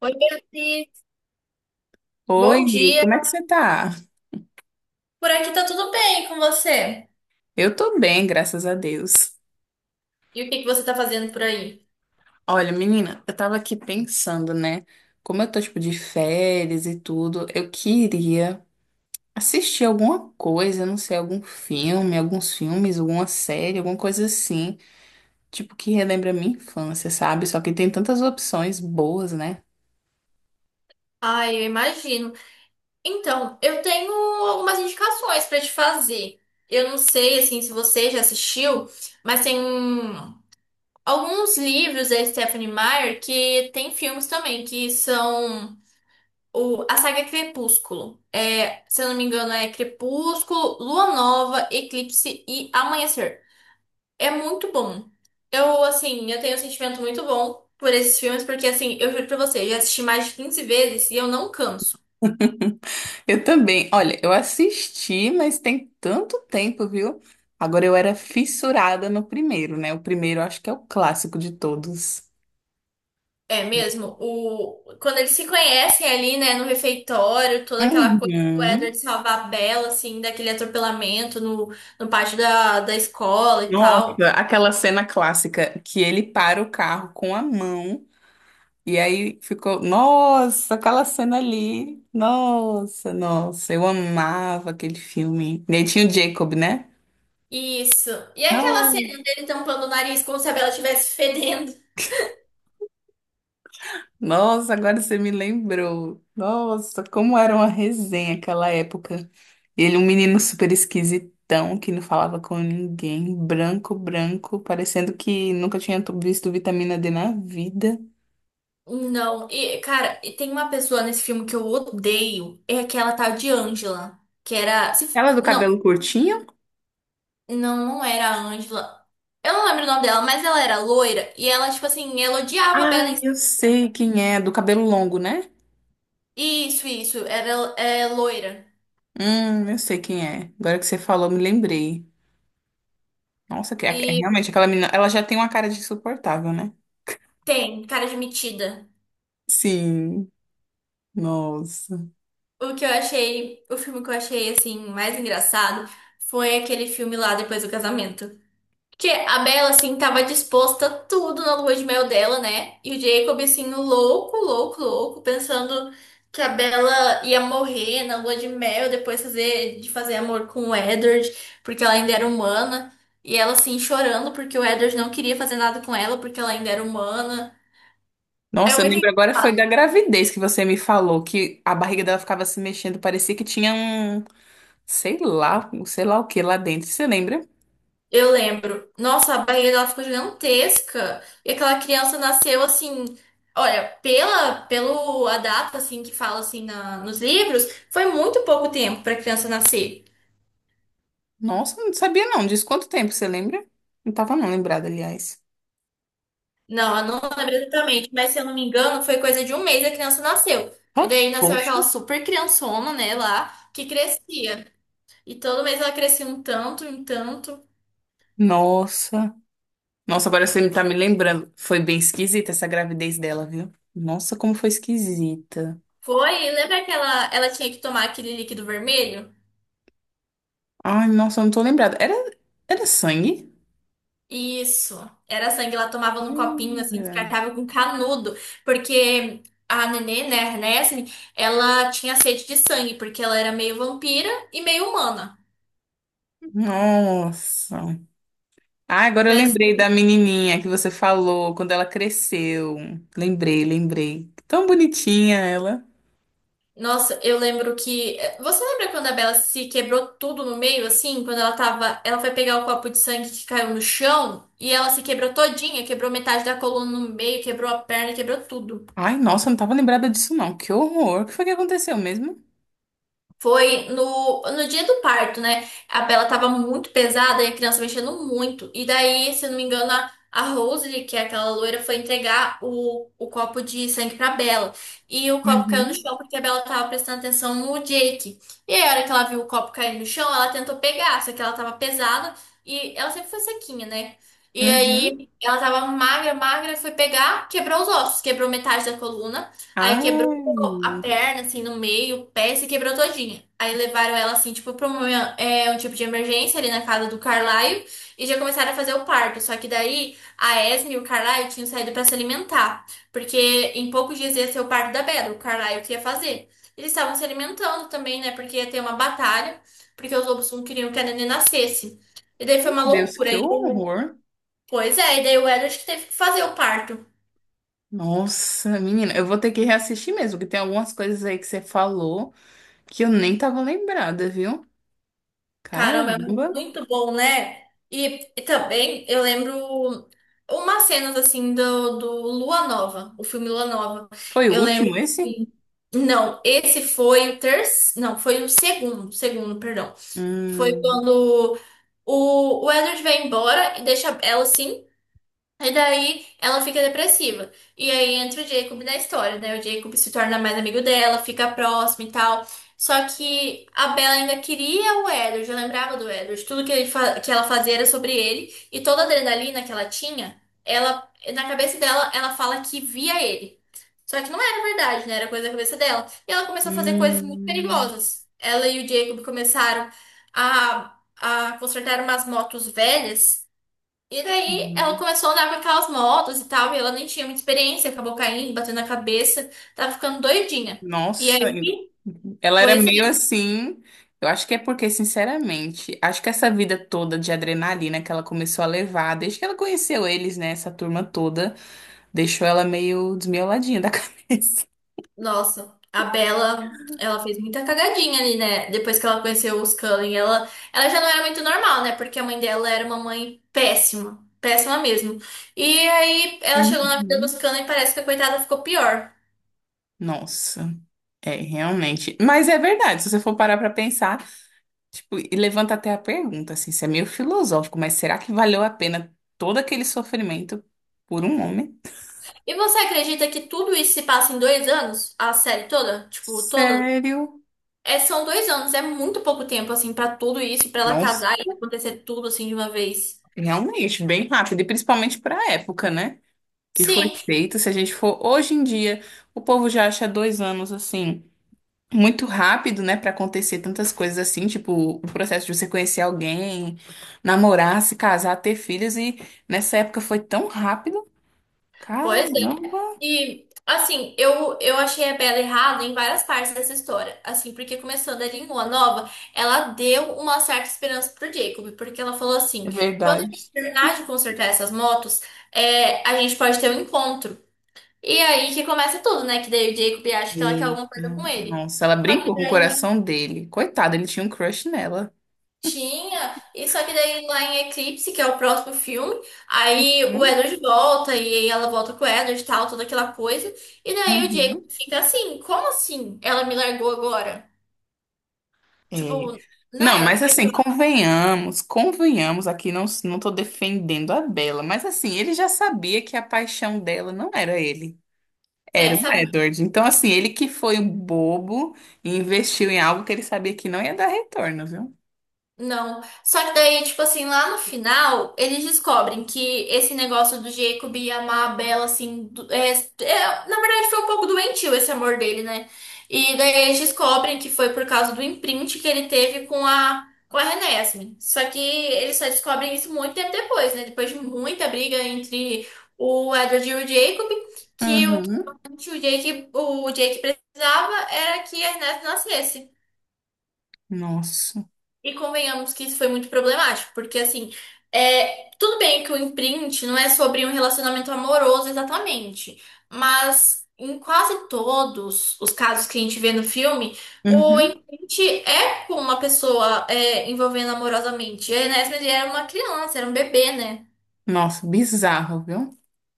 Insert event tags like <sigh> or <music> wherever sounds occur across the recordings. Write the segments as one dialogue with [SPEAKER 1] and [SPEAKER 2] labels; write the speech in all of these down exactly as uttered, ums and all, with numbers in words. [SPEAKER 1] Oi, Beatriz. Bom
[SPEAKER 2] Oi,
[SPEAKER 1] dia.
[SPEAKER 2] como é que você tá?
[SPEAKER 1] Por aqui tá tudo bem com você?
[SPEAKER 2] Eu tô bem, graças a Deus.
[SPEAKER 1] E o que que você tá fazendo por aí?
[SPEAKER 2] Olha, menina, eu tava aqui pensando, né? Como eu tô, tipo, de férias e tudo, eu queria assistir alguma coisa, não sei, algum filme, alguns filmes, alguma série, alguma coisa assim, tipo, que relembra a minha infância, sabe? Só que tem tantas opções boas, né?
[SPEAKER 1] Ai, eu imagino. Então, eu tenho algumas indicações pra te fazer. Eu não sei, assim, se você já assistiu, mas tem um- alguns livros da Stephanie Meyer que tem filmes também, que são o, a saga Crepúsculo. É, se eu não me engano, é Crepúsculo, Lua Nova, Eclipse e Amanhecer. É muito bom. Eu, assim, eu tenho um sentimento muito bom por esses filmes, porque, assim, eu juro pra você, eu já assisti mais de quinze vezes e eu não canso.
[SPEAKER 2] <laughs> Eu também. Olha, eu assisti, mas tem tanto tempo, viu? Agora eu era fissurada no primeiro, né? O primeiro eu acho que é o clássico de todos.
[SPEAKER 1] É mesmo, o... quando eles se conhecem ali, né, no refeitório, toda aquela coisa do Edward
[SPEAKER 2] Uhum.
[SPEAKER 1] salvar a Bella, assim, daquele atropelamento no, no pátio da, da escola e tal.
[SPEAKER 2] Nossa, aquela cena clássica que ele para o carro com a mão e aí ficou, nossa, aquela cena ali. Nossa, nossa, eu amava aquele filme. E aí tinha o Jacob, né?
[SPEAKER 1] Isso. E aquela cena
[SPEAKER 2] Nossa.
[SPEAKER 1] dele tampando o nariz como se a Bella estivesse fedendo.
[SPEAKER 2] Nossa, agora você me lembrou. Nossa, como era uma resenha aquela época. Ele, um menino super esquisitão que não falava com ninguém, branco, branco, parecendo que nunca tinha tu- visto vitamina D na vida.
[SPEAKER 1] Não, e, cara, e tem uma pessoa nesse filme que eu odeio, é aquela tal de Angela, que era. Se f-
[SPEAKER 2] Ela do
[SPEAKER 1] não,
[SPEAKER 2] cabelo curtinho?
[SPEAKER 1] não, não era a Angela. Eu não lembro o nome dela, mas ela era loira e ela, tipo assim, ela odiava a Bella
[SPEAKER 2] Ai, eu
[SPEAKER 1] Thorne.
[SPEAKER 2] sei quem é, do cabelo longo, né?
[SPEAKER 1] Isso, isso, era é, loira.
[SPEAKER 2] Hum, eu sei quem é. Agora que você falou, me lembrei. Nossa, que é, é
[SPEAKER 1] E
[SPEAKER 2] realmente aquela menina, ela já tem uma cara de insuportável, né?
[SPEAKER 1] tem cara de metida.
[SPEAKER 2] Sim, nossa.
[SPEAKER 1] O que eu achei, o filme que eu achei, assim, mais engraçado foi aquele filme lá depois do casamento. Porque a Bella, assim, tava disposta a tudo na lua de mel dela, né? E o Jacob, assim, louco, louco, louco, pensando que a Bella ia morrer na lua de mel, depois fazer, de fazer amor com o Edward, porque ela ainda era humana. E ela, assim, chorando porque o Edward não queria fazer nada com ela, porque ela ainda era humana. É
[SPEAKER 2] Nossa, eu lembro
[SPEAKER 1] muito
[SPEAKER 2] agora foi da gravidez que você me falou, que a barriga dela ficava se mexendo, parecia que tinha um, sei lá, um sei lá o que lá dentro. Você lembra?
[SPEAKER 1] Eu lembro. Nossa, a barriga dela ficou gigantesca. E aquela criança nasceu assim. Olha, pela pelo a data assim que fala assim na- nos livros, foi muito pouco tempo para a criança nascer.
[SPEAKER 2] Nossa, não sabia não. Diz quanto tempo, você lembra? Não tava não lembrada, aliás.
[SPEAKER 1] Não, eu não lembro exatamente, mas se eu não me engano, foi coisa de um mês a criança nasceu. E
[SPEAKER 2] Ah,
[SPEAKER 1] daí nasceu
[SPEAKER 2] poxa.
[SPEAKER 1] aquela super criançona, né, lá, que crescia. E todo mês ela crescia um tanto, um tanto.
[SPEAKER 2] Nossa. Nossa, agora você tá me lembrando. Foi bem esquisita essa gravidez dela, viu? Nossa, como foi esquisita.
[SPEAKER 1] Foi, lembra que ela, ela tinha que tomar aquele líquido vermelho?
[SPEAKER 2] Ai, nossa, eu não tô lembrada. Era, era sangue?
[SPEAKER 1] Isso. Era sangue, ela tomava num copinho, assim,
[SPEAKER 2] Era.
[SPEAKER 1] descartável com canudo, porque a Nenê, né, a Ernestine, ela tinha sede de sangue, porque ela era meio vampira e meio humana.
[SPEAKER 2] Nossa. Ah, agora eu
[SPEAKER 1] Foi
[SPEAKER 2] lembrei
[SPEAKER 1] assim,
[SPEAKER 2] da menininha que você falou quando ela cresceu. Lembrei, lembrei. Tão bonitinha ela.
[SPEAKER 1] nossa, eu lembro que. eh, Você lembra quando a Bella se quebrou tudo no meio, assim? Quando ela tava. Ela foi pegar o copo de sangue que caiu no chão e ela se quebrou todinha, quebrou metade da coluna no meio, quebrou a perna, quebrou tudo.
[SPEAKER 2] Ai, nossa, eu não tava lembrada disso não. Que horror. O que foi que aconteceu mesmo?
[SPEAKER 1] Foi no, no dia do parto, né? A Bela tava muito pesada e a criança mexendo muito. E daí, se eu não me engano, a, a Rose, que é aquela loira, foi entregar o, o copo de sangue pra Bela. E o copo caiu no
[SPEAKER 2] Uhum,
[SPEAKER 1] chão porque a Bela tava prestando atenção no Jake. E aí, a hora que ela viu o copo cair no chão, ela tentou pegar, só que ela tava pesada e ela sempre foi sequinha, né? E
[SPEAKER 2] uhum.
[SPEAKER 1] aí, ela tava magra, magra, foi pegar, quebrou os ossos, quebrou metade da coluna. Aí quebrou
[SPEAKER 2] Ai,
[SPEAKER 1] a
[SPEAKER 2] meu
[SPEAKER 1] perna, assim, no meio, o pé, se quebrou todinha. Aí levaram ela, assim, tipo, pra um, é, um tipo de emergência ali na casa do Carlaio e já começaram a fazer o parto. Só que daí a Esme e o Carlaio tinham saído pra se alimentar, porque em poucos dias ia ser o parto da Bela, o Carlaio que ia fazer. Eles estavam se alimentando também, né, porque ia ter uma batalha, porque os lobos não queriam que a neném nascesse. E daí foi uma
[SPEAKER 2] Deus,
[SPEAKER 1] loucura.
[SPEAKER 2] que
[SPEAKER 1] E,
[SPEAKER 2] horror.
[SPEAKER 1] pois é, e daí o Edward que teve que fazer o parto.
[SPEAKER 2] Nossa, menina, eu vou ter que reassistir mesmo, que tem algumas coisas aí que você falou que eu nem tava lembrada, viu?
[SPEAKER 1] Caramba, é
[SPEAKER 2] Caramba.
[SPEAKER 1] muito bom, né? E, e também eu lembro umas cenas assim do, do Lua Nova, o filme Lua Nova.
[SPEAKER 2] Foi o
[SPEAKER 1] Eu lembro
[SPEAKER 2] último esse?
[SPEAKER 1] que. Não, esse foi o terceiro. Não, foi o segundo, segundo, perdão. Foi
[SPEAKER 2] Hum,
[SPEAKER 1] quando o, o Edward vai embora e deixa ela assim. E daí ela fica depressiva. E aí entra o Jacob na história, né? O Jacob se torna mais amigo dela, fica próximo e tal. Só que a Bella ainda queria o Edward, eu lembrava do Edward. Tudo que, ele fa- que ela fazia era sobre ele. E toda a adrenalina que ela tinha, ela, na cabeça dela, ela fala que via ele. Só que não era verdade, né? Era coisa da cabeça dela. E ela começou a fazer coisas muito
[SPEAKER 2] hum.
[SPEAKER 1] perigosas. Ela e o Jacob começaram a, a consertar umas motos velhas. E daí ela
[SPEAKER 2] Uhum.
[SPEAKER 1] começou a andar com aquelas motos e tal, e ela nem tinha muita experiência, acabou caindo, batendo na cabeça, tava ficando doidinha. E
[SPEAKER 2] Nossa, en-
[SPEAKER 1] aí,
[SPEAKER 2] ela era
[SPEAKER 1] pois é,
[SPEAKER 2] meio assim. Eu acho que é porque, sinceramente, acho que essa vida toda de adrenalina que ela começou a levar, desde que ela conheceu eles, né, essa turma toda, deixou ela meio desmioladinha da <laughs> cabeça.
[SPEAKER 1] nossa, a Bella ela fez muita cagadinha ali, né? Depois que ela conheceu os Cullen, ela, ela já não era muito normal, né? Porque a mãe dela era uma mãe péssima, péssima mesmo. E aí ela chegou na vida dos
[SPEAKER 2] Uhum.
[SPEAKER 1] Cullen e parece que a coitada ficou pior.
[SPEAKER 2] Nossa, é realmente. Mas é verdade, se você for parar pra pensar, tipo, e levanta até a pergunta, assim, isso é meio filosófico, mas será que valeu a pena todo aquele sofrimento por um homem?
[SPEAKER 1] E você acredita que tudo isso se passa em dois anos? A série toda? Tipo, toda.
[SPEAKER 2] Sério?
[SPEAKER 1] É, são dois anos, é muito pouco tempo, assim, pra tudo isso, pra ela
[SPEAKER 2] Nossa.
[SPEAKER 1] casar e acontecer tudo, assim, de uma vez.
[SPEAKER 2] Realmente, bem rápido, e principalmente para a época, né? Que foi
[SPEAKER 1] Sim,
[SPEAKER 2] feito. Se a gente for hoje em dia, o povo já acha dois anos assim, muito rápido, né? Para acontecer tantas coisas assim, tipo o processo de você conhecer alguém, namorar, se casar, ter filhos, e nessa época foi tão rápido.
[SPEAKER 1] pois é.
[SPEAKER 2] Caramba!
[SPEAKER 1] E, assim, eu, eu achei a Bella errada em várias partes dessa história. Assim, porque começando ali em Lua Nova, ela deu uma certa esperança pro Jacob, porque ela falou assim:
[SPEAKER 2] É
[SPEAKER 1] quando a
[SPEAKER 2] verdade.
[SPEAKER 1] gente terminar de consertar essas motos, é, a gente pode ter um encontro. E aí que começa tudo, né? Que daí o Jacob acha que ela quer
[SPEAKER 2] E,
[SPEAKER 1] alguma coisa com ele.
[SPEAKER 2] nossa, ela
[SPEAKER 1] Só que
[SPEAKER 2] brincou com o
[SPEAKER 1] daí.
[SPEAKER 2] coração dele. Coitado, ele tinha um crush nela.
[SPEAKER 1] Tinha, e só que daí lá em Eclipse, que é o próximo filme, aí o
[SPEAKER 2] Hum.
[SPEAKER 1] Edward volta e ela volta com o Edward e tal, toda aquela coisa. E daí o Jacob
[SPEAKER 2] Uhum.
[SPEAKER 1] fica assim, como assim? Ela me largou agora?
[SPEAKER 2] É.
[SPEAKER 1] Tipo,
[SPEAKER 2] Não,
[SPEAKER 1] né?
[SPEAKER 2] mas assim,
[SPEAKER 1] Coisa-
[SPEAKER 2] convenhamos, convenhamos, aqui não, não tô defendendo a Bela, mas assim, ele já sabia que a paixão dela não era ele,
[SPEAKER 1] É,
[SPEAKER 2] era o
[SPEAKER 1] sabe?
[SPEAKER 2] Edward. Então, assim, ele que foi um bobo e investiu em algo que ele sabia que não ia dar retorno, viu?
[SPEAKER 1] Não. Só que daí, tipo assim, lá no final, eles descobrem que esse negócio do Jacob e amar a Bella, assim, do- é, é- na verdade foi um pouco doentio esse amor dele, né? E daí eles descobrem que foi por causa do imprint que ele teve com a, com a Renesmee. Só que eles só descobrem isso muito tempo depois, né? Depois de muita briga entre o Edward e o Jacob, que o que
[SPEAKER 2] Uhum.
[SPEAKER 1] realmente o Jake, o Jake precisava era que a Renesmee nascesse.
[SPEAKER 2] Nossa.
[SPEAKER 1] E convenhamos que isso foi muito problemático, porque assim, é, tudo bem que o imprint não é sobre um relacionamento amoroso exatamente, mas em quase todos os casos que a gente vê no filme, o
[SPEAKER 2] Uhum.
[SPEAKER 1] imprint é com uma pessoa é, envolvendo amorosamente. E a Enes, ele era uma criança, era um bebê, né?
[SPEAKER 2] Nossa, bizarro, viu?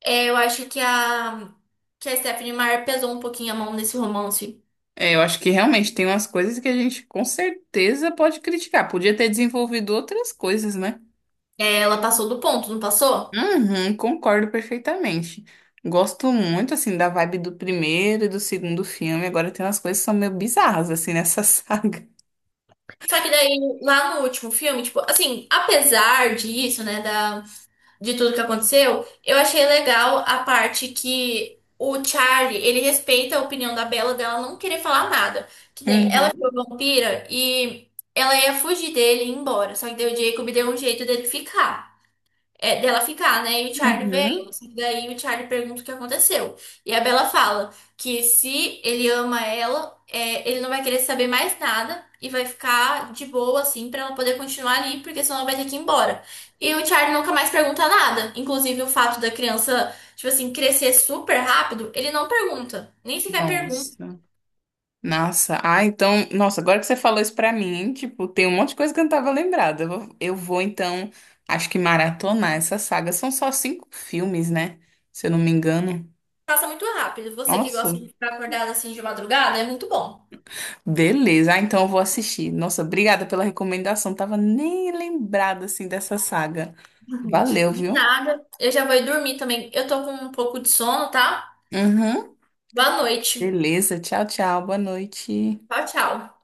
[SPEAKER 1] É, eu acho que a, que a Stephanie Meyer pesou um pouquinho a mão nesse romance.
[SPEAKER 2] É, eu acho que realmente tem umas coisas que a gente com certeza pode criticar. Podia ter desenvolvido outras coisas, né?
[SPEAKER 1] É, ela passou do ponto, não passou?
[SPEAKER 2] Uhum, concordo perfeitamente. Gosto muito, assim, da vibe do primeiro e do segundo filme. Agora tem umas coisas que são meio bizarras, assim, nessa <laughs> saga.
[SPEAKER 1] Só que daí, lá no último filme, tipo, assim, apesar disso, né, da, de tudo que aconteceu, eu achei legal a parte que o Charlie, ele respeita a opinião da Bella dela não querer falar nada. Que nem, ela
[SPEAKER 2] Uhum,
[SPEAKER 1] ficou vampira e ela ia fugir dele e ir embora. Só que daí o Jacob deu um jeito dele ficar. É, dela ficar, né? E o Charlie veio.
[SPEAKER 2] uhum.
[SPEAKER 1] Só que daí o Charlie pergunta o que aconteceu. E a Bella fala que se ele ama ela, é, ele não vai querer saber mais nada e vai ficar de boa, assim, pra ela poder continuar ali, porque senão ela vai ter que ir embora. E o Charlie nunca mais pergunta nada. Inclusive o fato da criança, tipo assim, crescer super rápido, ele não pergunta. Nem sequer pergunta,
[SPEAKER 2] Nossa. Nossa. Ah, então... Nossa, agora que você falou isso pra mim, tipo, tem um monte de coisa que eu não tava lembrada. Eu vou, eu vou, então, acho que maratonar essa saga. São só cinco filmes, né? Se eu não me engano.
[SPEAKER 1] passa muito rápido. Você que
[SPEAKER 2] Nossa,
[SPEAKER 1] gosta de ficar acordada assim de madrugada, é muito bom.
[SPEAKER 2] beleza, ah, então eu vou assistir. Nossa, obrigada pela recomendação. Tava nem lembrada assim dessa saga.
[SPEAKER 1] Uhum.
[SPEAKER 2] Valeu,
[SPEAKER 1] De
[SPEAKER 2] viu?
[SPEAKER 1] nada, eu já vou ir dormir também. Eu tô com um pouco de sono, tá?
[SPEAKER 2] Uhum.
[SPEAKER 1] Boa noite.
[SPEAKER 2] Beleza, tchau, tchau. Boa noite.
[SPEAKER 1] Tchau, tchau.